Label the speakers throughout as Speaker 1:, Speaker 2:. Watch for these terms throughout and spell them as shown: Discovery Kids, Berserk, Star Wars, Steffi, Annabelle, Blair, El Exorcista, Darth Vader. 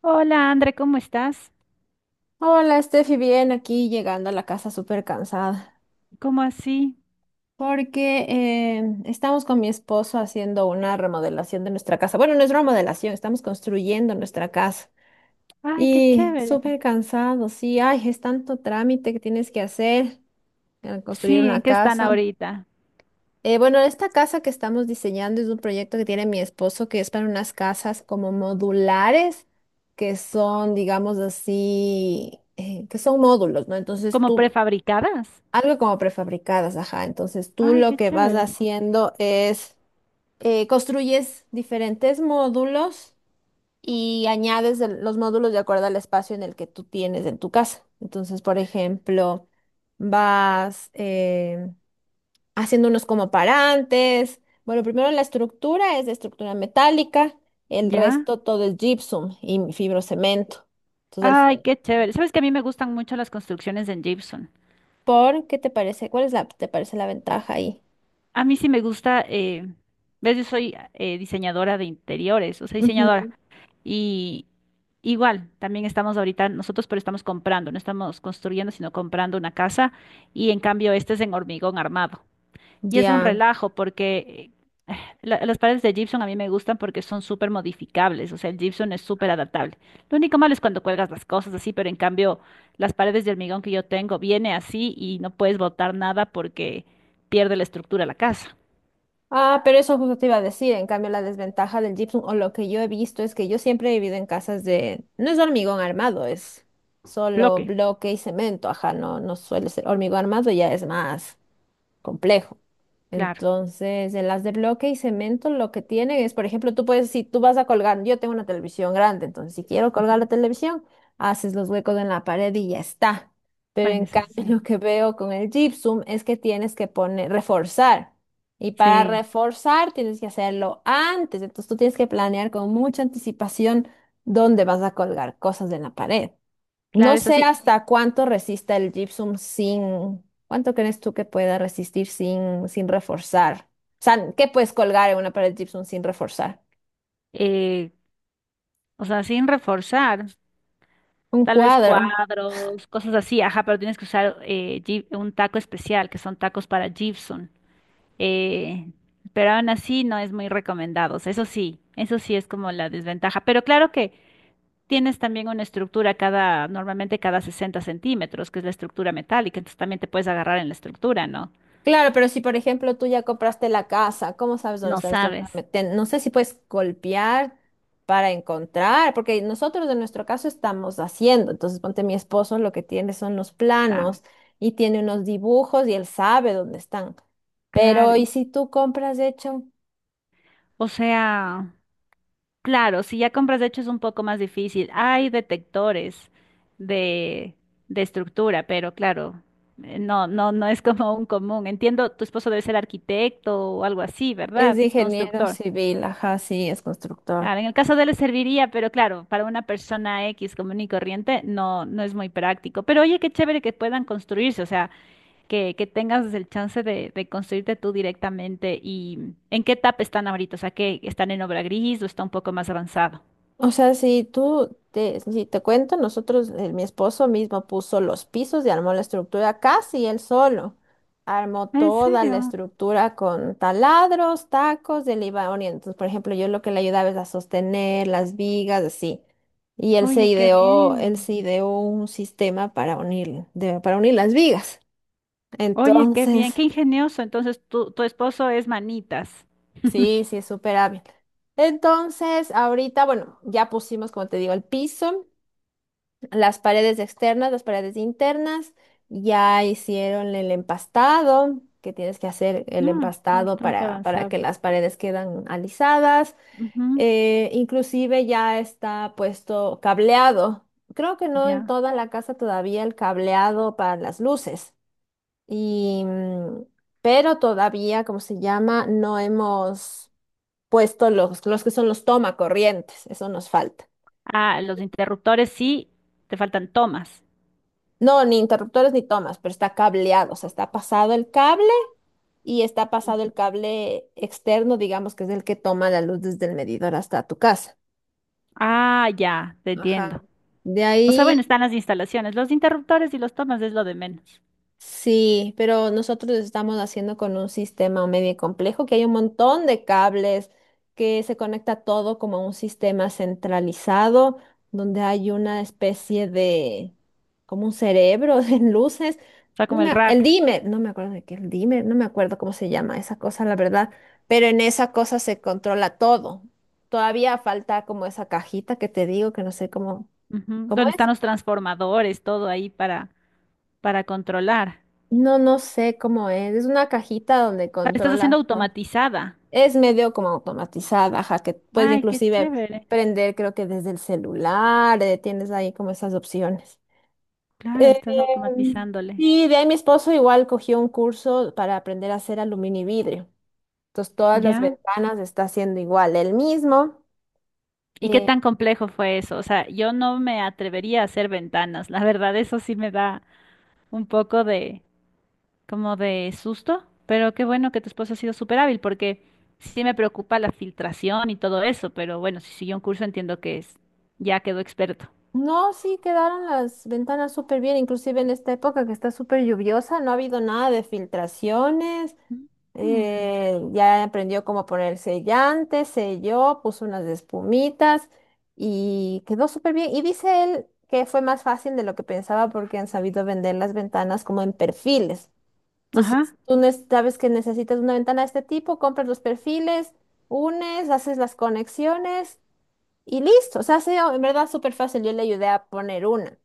Speaker 1: Hola, André, ¿cómo estás?
Speaker 2: Hola, Steffi, bien, aquí llegando a la casa súper cansada,
Speaker 1: ¿Cómo así?
Speaker 2: porque estamos con mi esposo haciendo una remodelación de nuestra casa. Bueno, no es remodelación, estamos construyendo nuestra casa.
Speaker 1: Ay, qué
Speaker 2: Y
Speaker 1: chévere.
Speaker 2: súper cansado, sí, ay, es tanto trámite que tienes que hacer al construir
Speaker 1: Sí,
Speaker 2: una
Speaker 1: ¿en qué están
Speaker 2: casa.
Speaker 1: ahorita?
Speaker 2: Bueno, esta casa que estamos diseñando es un proyecto que tiene mi esposo, que es para unas casas como modulares, que son, digamos así, que son módulos, ¿no? Entonces
Speaker 1: ¿Como
Speaker 2: tú
Speaker 1: prefabricadas?
Speaker 2: algo como prefabricadas, ajá. Entonces tú
Speaker 1: Ay,
Speaker 2: lo
Speaker 1: qué
Speaker 2: que vas
Speaker 1: chévere.
Speaker 2: haciendo es construyes diferentes módulos y añades los módulos de acuerdo al espacio en el que tú tienes en tu casa. Entonces, por ejemplo, vas haciendo unos como parantes. Bueno, primero la estructura es de estructura metálica, el
Speaker 1: ¿Ya?
Speaker 2: resto todo es gypsum y fibrocemento. Entonces,
Speaker 1: Ay,
Speaker 2: el-
Speaker 1: qué chévere. Sabes que a mí me gustan mucho las construcciones en gypsum.
Speaker 2: ¿por qué te parece? ¿Cuál es la, te parece la ventaja ahí?
Speaker 1: A mí sí me gusta, ves, yo soy diseñadora de interiores, o sea, diseñadora.
Speaker 2: Ujú.
Speaker 1: Y igual, también estamos ahorita nosotros, pero estamos comprando, no estamos construyendo, sino comprando una casa. Y en cambio, este es en hormigón armado. Y es un
Speaker 2: Ya.
Speaker 1: relajo porque las paredes de gypsum a mí me gustan porque son súper modificables, o sea, el gypsum es súper adaptable. Lo único malo es cuando cuelgas las cosas así, pero en cambio las paredes de hormigón que yo tengo viene así y no puedes botar nada porque pierde la estructura de la casa.
Speaker 2: Ah, pero eso justo te iba a decir. En cambio, la desventaja del gypsum o lo que yo he visto es que yo siempre he vivido en casas de... No es hormigón armado, es solo
Speaker 1: Bloque.
Speaker 2: bloque y cemento. Ajá, no, no suele ser hormigón armado, ya es más complejo.
Speaker 1: Claro.
Speaker 2: Entonces, en las de bloque y cemento lo que tienen es, por ejemplo, tú puedes, si tú vas a colgar, yo tengo una televisión grande, entonces si quiero colgar la
Speaker 1: Ujú.
Speaker 2: televisión, haces los huecos en la pared y ya está. Pero
Speaker 1: Bueno,
Speaker 2: en
Speaker 1: eso
Speaker 2: cambio,
Speaker 1: sí.
Speaker 2: lo que veo con el gypsum es que tienes que poner, reforzar. Y para
Speaker 1: Sí,
Speaker 2: reforzar tienes que hacerlo antes, entonces tú tienes que planear con mucha anticipación dónde vas a colgar cosas en la pared. No
Speaker 1: claro, eso
Speaker 2: sé
Speaker 1: sí.
Speaker 2: hasta cuánto resista el gypsum sin, ¿cuánto crees tú que pueda resistir sin, sin reforzar? O sea, ¿qué puedes colgar en una pared de gypsum sin reforzar?
Speaker 1: Eh, o sea, sin reforzar.
Speaker 2: Un
Speaker 1: Tal vez
Speaker 2: cuadro.
Speaker 1: cuadros, cosas así, ajá, pero tienes que usar un taco especial, que son tacos para gypsum. eh, pero aún así no es muy recomendado. O sea, eso sí, eso sí es como la desventaja. Pero claro que tienes también una estructura cada, normalmente cada 60 centímetros, que es la estructura metálica, entonces también te puedes agarrar en la estructura, ¿no?
Speaker 2: Claro, pero si por ejemplo tú ya compraste la casa, ¿cómo sabes dónde
Speaker 1: No
Speaker 2: está la estructura?
Speaker 1: sabes.
Speaker 2: No sé si puedes golpear para encontrar, porque nosotros en nuestro caso estamos haciendo. Entonces, ponte mi esposo, lo que tiene son los
Speaker 1: Ah,
Speaker 2: planos y tiene unos dibujos y él sabe dónde están.
Speaker 1: claro.
Speaker 2: Pero, ¿y si tú compras hecho?
Speaker 1: O sea, claro, si ya compras de hecho es un poco más difícil. Hay detectores de, de estructura, pero claro. No, no, no es como un común. Entiendo, tu esposo debe ser arquitecto o algo así,
Speaker 2: Es
Speaker 1: ¿verdad?
Speaker 2: de
Speaker 1: Es
Speaker 2: ingeniero
Speaker 1: constructor.
Speaker 2: civil, ajá, sí, es constructor.
Speaker 1: Claro, en el caso de él le serviría, pero claro, para una persona X común y corriente no, no es muy práctico. Pero oye, qué chévere que puedan construirse, o sea, que tengas el chance de construirte tú directamente. ¿Y en qué etapa están ahorita? O sea, que están en obra gris o está un poco más avanzado.
Speaker 2: O sea, si tú te, si te cuento, nosotros, mi esposo mismo puso los pisos y armó la estructura casi él solo. Armó
Speaker 1: Ah, ¿en
Speaker 2: toda la
Speaker 1: serio?
Speaker 2: estructura con taladros, tacos, él iba orientando. Por ejemplo, yo lo que le ayudaba es a sostener las vigas, así. Y
Speaker 1: Oye, qué
Speaker 2: él
Speaker 1: bien.
Speaker 2: se ideó un sistema para unir, para unir las vigas.
Speaker 1: Oye, qué bien,
Speaker 2: Entonces.
Speaker 1: qué ingenioso. Entonces, tu esposo es manitas.
Speaker 2: Sí, sí, es súper hábil. Entonces, ahorita, bueno, ya pusimos, como te digo, el piso, las paredes externas, las paredes internas, ya hicieron el empastado, que tienes que hacer el
Speaker 1: No, está
Speaker 2: empastado
Speaker 1: bastante
Speaker 2: para
Speaker 1: avanzado.
Speaker 2: que las paredes quedan alisadas.
Speaker 1: Ujú,
Speaker 2: Inclusive ya está puesto cableado. Creo que no en
Speaker 1: ya.
Speaker 2: toda la casa todavía el cableado para las luces. Y, pero todavía, como se llama? No hemos puesto los que son los toma corrientes, eso nos falta.
Speaker 1: Ah, los interruptores sí, te faltan tomas.
Speaker 2: No, ni interruptores ni tomas, pero está cableado, o sea, está pasado el cable y está pasado el cable externo, digamos, que es el que toma la luz desde el medidor hasta tu casa.
Speaker 1: Ah, ya, te
Speaker 2: Ajá.
Speaker 1: entiendo.
Speaker 2: De
Speaker 1: O sea, bueno,
Speaker 2: ahí
Speaker 1: están las instalaciones, los interruptores y los tomas es lo de menos.
Speaker 2: sí, pero nosotros lo estamos haciendo con un sistema medio complejo que hay un montón de cables que se conecta todo como a un sistema centralizado donde hay una especie de como un cerebro de luces.
Speaker 1: O sea,
Speaker 2: No
Speaker 1: como el
Speaker 2: me a- el
Speaker 1: rack,
Speaker 2: dimmer, no me acuerdo de qué el dimmer, no me acuerdo cómo se llama esa cosa, la verdad, pero en esa cosa se controla todo. Todavía falta como esa cajita que te digo que no sé cómo
Speaker 1: ujú.
Speaker 2: cómo
Speaker 1: Donde
Speaker 2: es.
Speaker 1: están los transformadores, todo ahí para controlar.
Speaker 2: No, no sé cómo es. Es una cajita donde
Speaker 1: O sea, le estás haciendo
Speaker 2: controlas todo.
Speaker 1: automatizada.
Speaker 2: Es medio como automatizada, ajá, que puedes
Speaker 1: Ay, qué
Speaker 2: inclusive
Speaker 1: chévere.
Speaker 2: prender, creo que desde el celular, tienes ahí como esas opciones.
Speaker 1: Claro,
Speaker 2: Eh,
Speaker 1: estás automatizándole.
Speaker 2: y de ahí mi esposo igual cogió un curso para aprender a hacer aluminio y vidrio. Entonces todas las
Speaker 1: ¿Ya?
Speaker 2: ventanas está haciendo igual, él mismo.
Speaker 1: ¿Y qué
Speaker 2: Eh,
Speaker 1: tan complejo fue eso? O sea, yo no me atrevería a hacer ventanas. La verdad, eso sí me da un poco de, como de susto, pero qué bueno que tu esposo ha sido súper hábil porque sí me preocupa la filtración y todo eso, pero bueno, si siguió un curso entiendo que es, ya quedó experto.
Speaker 2: no, sí quedaron las ventanas súper bien, inclusive en esta época que está súper lluviosa, no ha habido nada de filtraciones.
Speaker 1: Mm,
Speaker 2: Ya aprendió cómo poner sellante, selló, puso unas espumitas y quedó súper bien. Y dice él que fue más fácil de lo que pensaba porque han sabido vender las ventanas como en perfiles.
Speaker 1: ajá.
Speaker 2: Entonces, sabes que necesitas una ventana de este tipo, compras los perfiles, unes, haces las conexiones y listo. O sea, ha sido en verdad súper fácil. Yo le ayudé a poner una.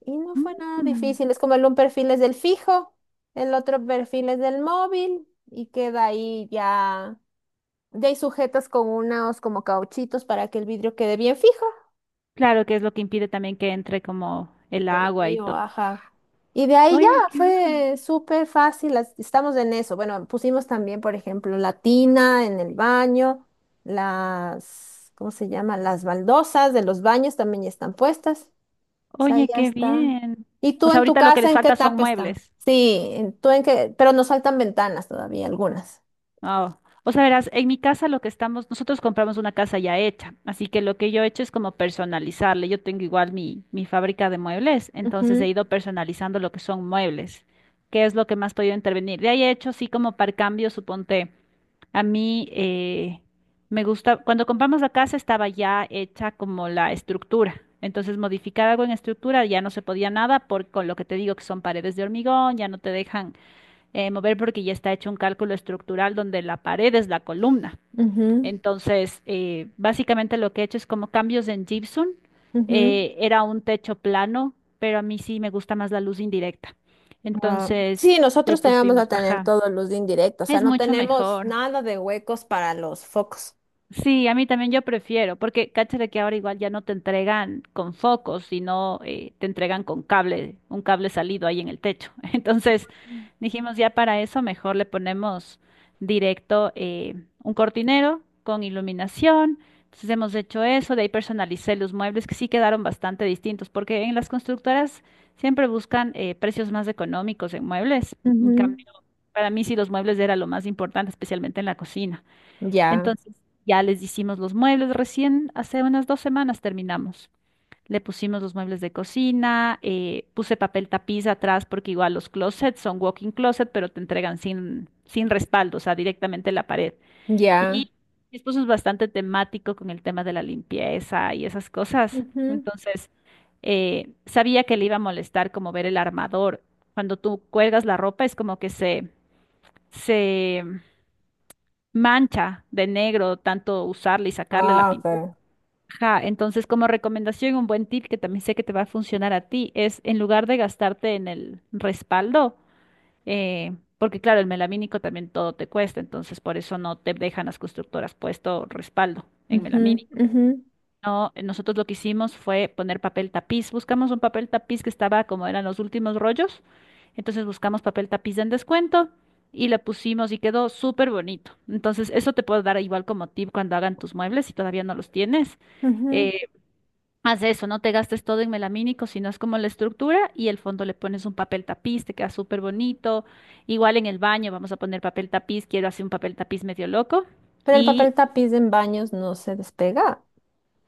Speaker 2: Y no fue nada
Speaker 1: Mm,
Speaker 2: difícil, es como el un perfil es del fijo, el otro perfil es del móvil y queda ahí ya, ya hay sujetas con unos como cauchitos para que el vidrio quede bien fijo.
Speaker 1: claro que es lo que impide también que entre como el agua y todo.
Speaker 2: Frío, ajá. Y de ahí ya
Speaker 1: Oye, qué bien.
Speaker 2: fue súper fácil, las- estamos en eso. Bueno, pusimos también, por ejemplo, la tina en el baño, las, ¿cómo se llama? Las baldosas de los baños también ya están puestas. O sea,
Speaker 1: Oye,
Speaker 2: ya
Speaker 1: qué
Speaker 2: está.
Speaker 1: bien.
Speaker 2: ¿Y
Speaker 1: O
Speaker 2: tú
Speaker 1: sea,
Speaker 2: en tu
Speaker 1: ahorita lo que
Speaker 2: casa
Speaker 1: les
Speaker 2: en qué
Speaker 1: falta son
Speaker 2: etapa está?
Speaker 1: muebles.
Speaker 2: Sí, tú en qué, pero nos faltan ventanas todavía, algunas.
Speaker 1: Ah, o sea, verás, en mi casa lo que estamos, nosotros compramos una casa ya hecha, así que lo que yo he hecho es como personalizarle. Yo tengo igual mi fábrica de muebles, entonces he
Speaker 2: Ujú,
Speaker 1: ido personalizando lo que son muebles, que es lo que más he podido intervenir. De ahí he hecho, así como para cambio, suponte, a mí me gusta, cuando compramos la casa estaba ya hecha como la estructura, entonces modificar algo en estructura ya no se podía nada por, con lo que te digo que son paredes de hormigón, ya no te dejan mover porque ya está hecho un cálculo estructural donde la pared es la columna.
Speaker 2: ujú,
Speaker 1: Entonces, básicamente lo que he hecho es como cambios en gypsum.
Speaker 2: ujú.
Speaker 1: Era un techo plano, pero a mí sí me gusta más la luz indirecta.
Speaker 2: Ah,
Speaker 1: Entonces,
Speaker 2: sí,
Speaker 1: le
Speaker 2: nosotros te vamos a
Speaker 1: pusimos,
Speaker 2: tener
Speaker 1: ajá,
Speaker 2: todo luz de indirecta, o sea,
Speaker 1: es
Speaker 2: no
Speaker 1: mucho
Speaker 2: tenemos
Speaker 1: mejor.
Speaker 2: nada de huecos para los focos.
Speaker 1: Sí, a mí también yo prefiero, porque cáchate que ahora igual ya no te entregan con focos, sino te entregan con cable, un cable salido ahí en el techo. Entonces dijimos ya para eso mejor le ponemos directo un cortinero con iluminación. Entonces hemos hecho eso, de ahí personalicé los muebles que sí quedaron bastante distintos, porque en las constructoras siempre buscan precios más económicos en muebles. En
Speaker 2: Ujú.
Speaker 1: cambio, para mí sí los muebles era lo más importante, especialmente en la cocina.
Speaker 2: Ya,
Speaker 1: Entonces, ya les hicimos los muebles. Recién hace unas dos semanas terminamos. Le pusimos los muebles de cocina, puse papel tapiz atrás porque igual los closets son walk-in closet, pero te entregan sin, sin respaldo, o sea, directamente en la pared.
Speaker 2: ya.
Speaker 1: Y mi esposo es bastante temático con el tema de la limpieza y esas cosas.
Speaker 2: Ujú.
Speaker 1: Entonces, sabía que le iba a molestar como ver el armador. Cuando tú cuelgas la ropa es como que se mancha de negro, tanto usarle y sacarle la
Speaker 2: Ah,
Speaker 1: pintura.
Speaker 2: ok.
Speaker 1: Ajá, entonces como recomendación, un buen tip que también sé que te va a funcionar a ti es en lugar de gastarte en el respaldo, porque claro, el melamínico también todo te cuesta, entonces por eso no te dejan las constructoras puesto respaldo en
Speaker 2: Ujú,
Speaker 1: melamínico.
Speaker 2: ujú,
Speaker 1: No, nosotros lo que hicimos fue poner papel tapiz. Buscamos un papel tapiz que estaba como eran los últimos rollos. Entonces buscamos papel tapiz en descuento y le pusimos y quedó súper bonito. Entonces eso te puedo dar igual como tip cuando hagan tus muebles si todavía no los tienes.
Speaker 2: ujú.
Speaker 1: Eh, haz eso, no te gastes todo en melamínico, sino es como la estructura y el fondo le pones un papel tapiz, te queda súper bonito. Igual en el baño vamos a poner papel tapiz, quiero hacer un papel tapiz medio loco.
Speaker 2: Pero el papel
Speaker 1: y
Speaker 2: tapiz en baños no se despega.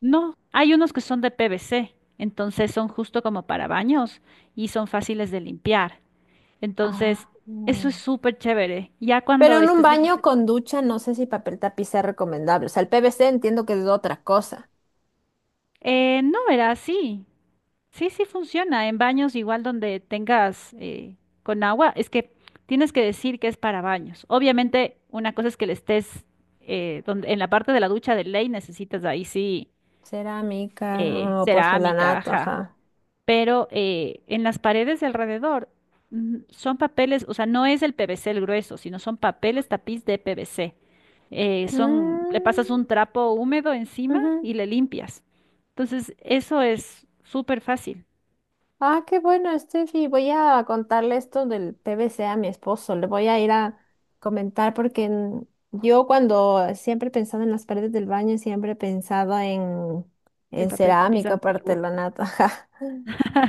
Speaker 1: No, hay unos que son de P V C, entonces son justo como para baños y son fáciles de limpiar. Entonces,
Speaker 2: Ah.
Speaker 1: eso es súper chévere. Ya
Speaker 2: Pero
Speaker 1: cuando
Speaker 2: en un
Speaker 1: estés en esa
Speaker 2: baño con
Speaker 1: etapa-
Speaker 2: ducha no sé si papel tapiz sea recomendable. O sea, el PVC entiendo que es otra cosa.
Speaker 1: No, verás, sí. Sí, sí funciona. En baños igual donde tengas con agua, es que tienes que decir que es para baños. Obviamente, una cosa es que le estés en la parte de la ducha de ley necesitas ahí sí
Speaker 2: Cerámica o
Speaker 1: cerámica,
Speaker 2: porcelanato,
Speaker 1: ajá.
Speaker 2: ajá.
Speaker 1: Pero en las paredes de alrededor son papeles, o sea, no es el PVC el grueso, sino son papeles tapiz de PVC. Le
Speaker 2: Mm,
Speaker 1: pasas un trapo húmedo encima
Speaker 2: ujú.
Speaker 1: y le limpias. Entonces, eso es súper fácil,
Speaker 2: Ah, qué bueno, Steffi. Voy a contarle esto del PVC a mi esposo. Le voy a ir a comentar porque yo cuando siempre he pensado en las paredes del baño, siempre he pensado
Speaker 1: el
Speaker 2: en
Speaker 1: papel tapiz
Speaker 2: cerámica,
Speaker 1: antiguo.
Speaker 2: porcelanato, ajá,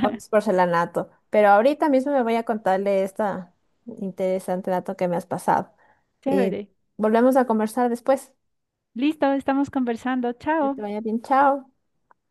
Speaker 2: o es porcelanato. Pero ahorita mismo me voy a contarle esta interesante dato que me has pasado. Y
Speaker 1: Chévere.
Speaker 2: volvemos a conversar después.
Speaker 1: Listo, estamos conversando.
Speaker 2: Que
Speaker 1: Chao.
Speaker 2: te vaya bien, chao.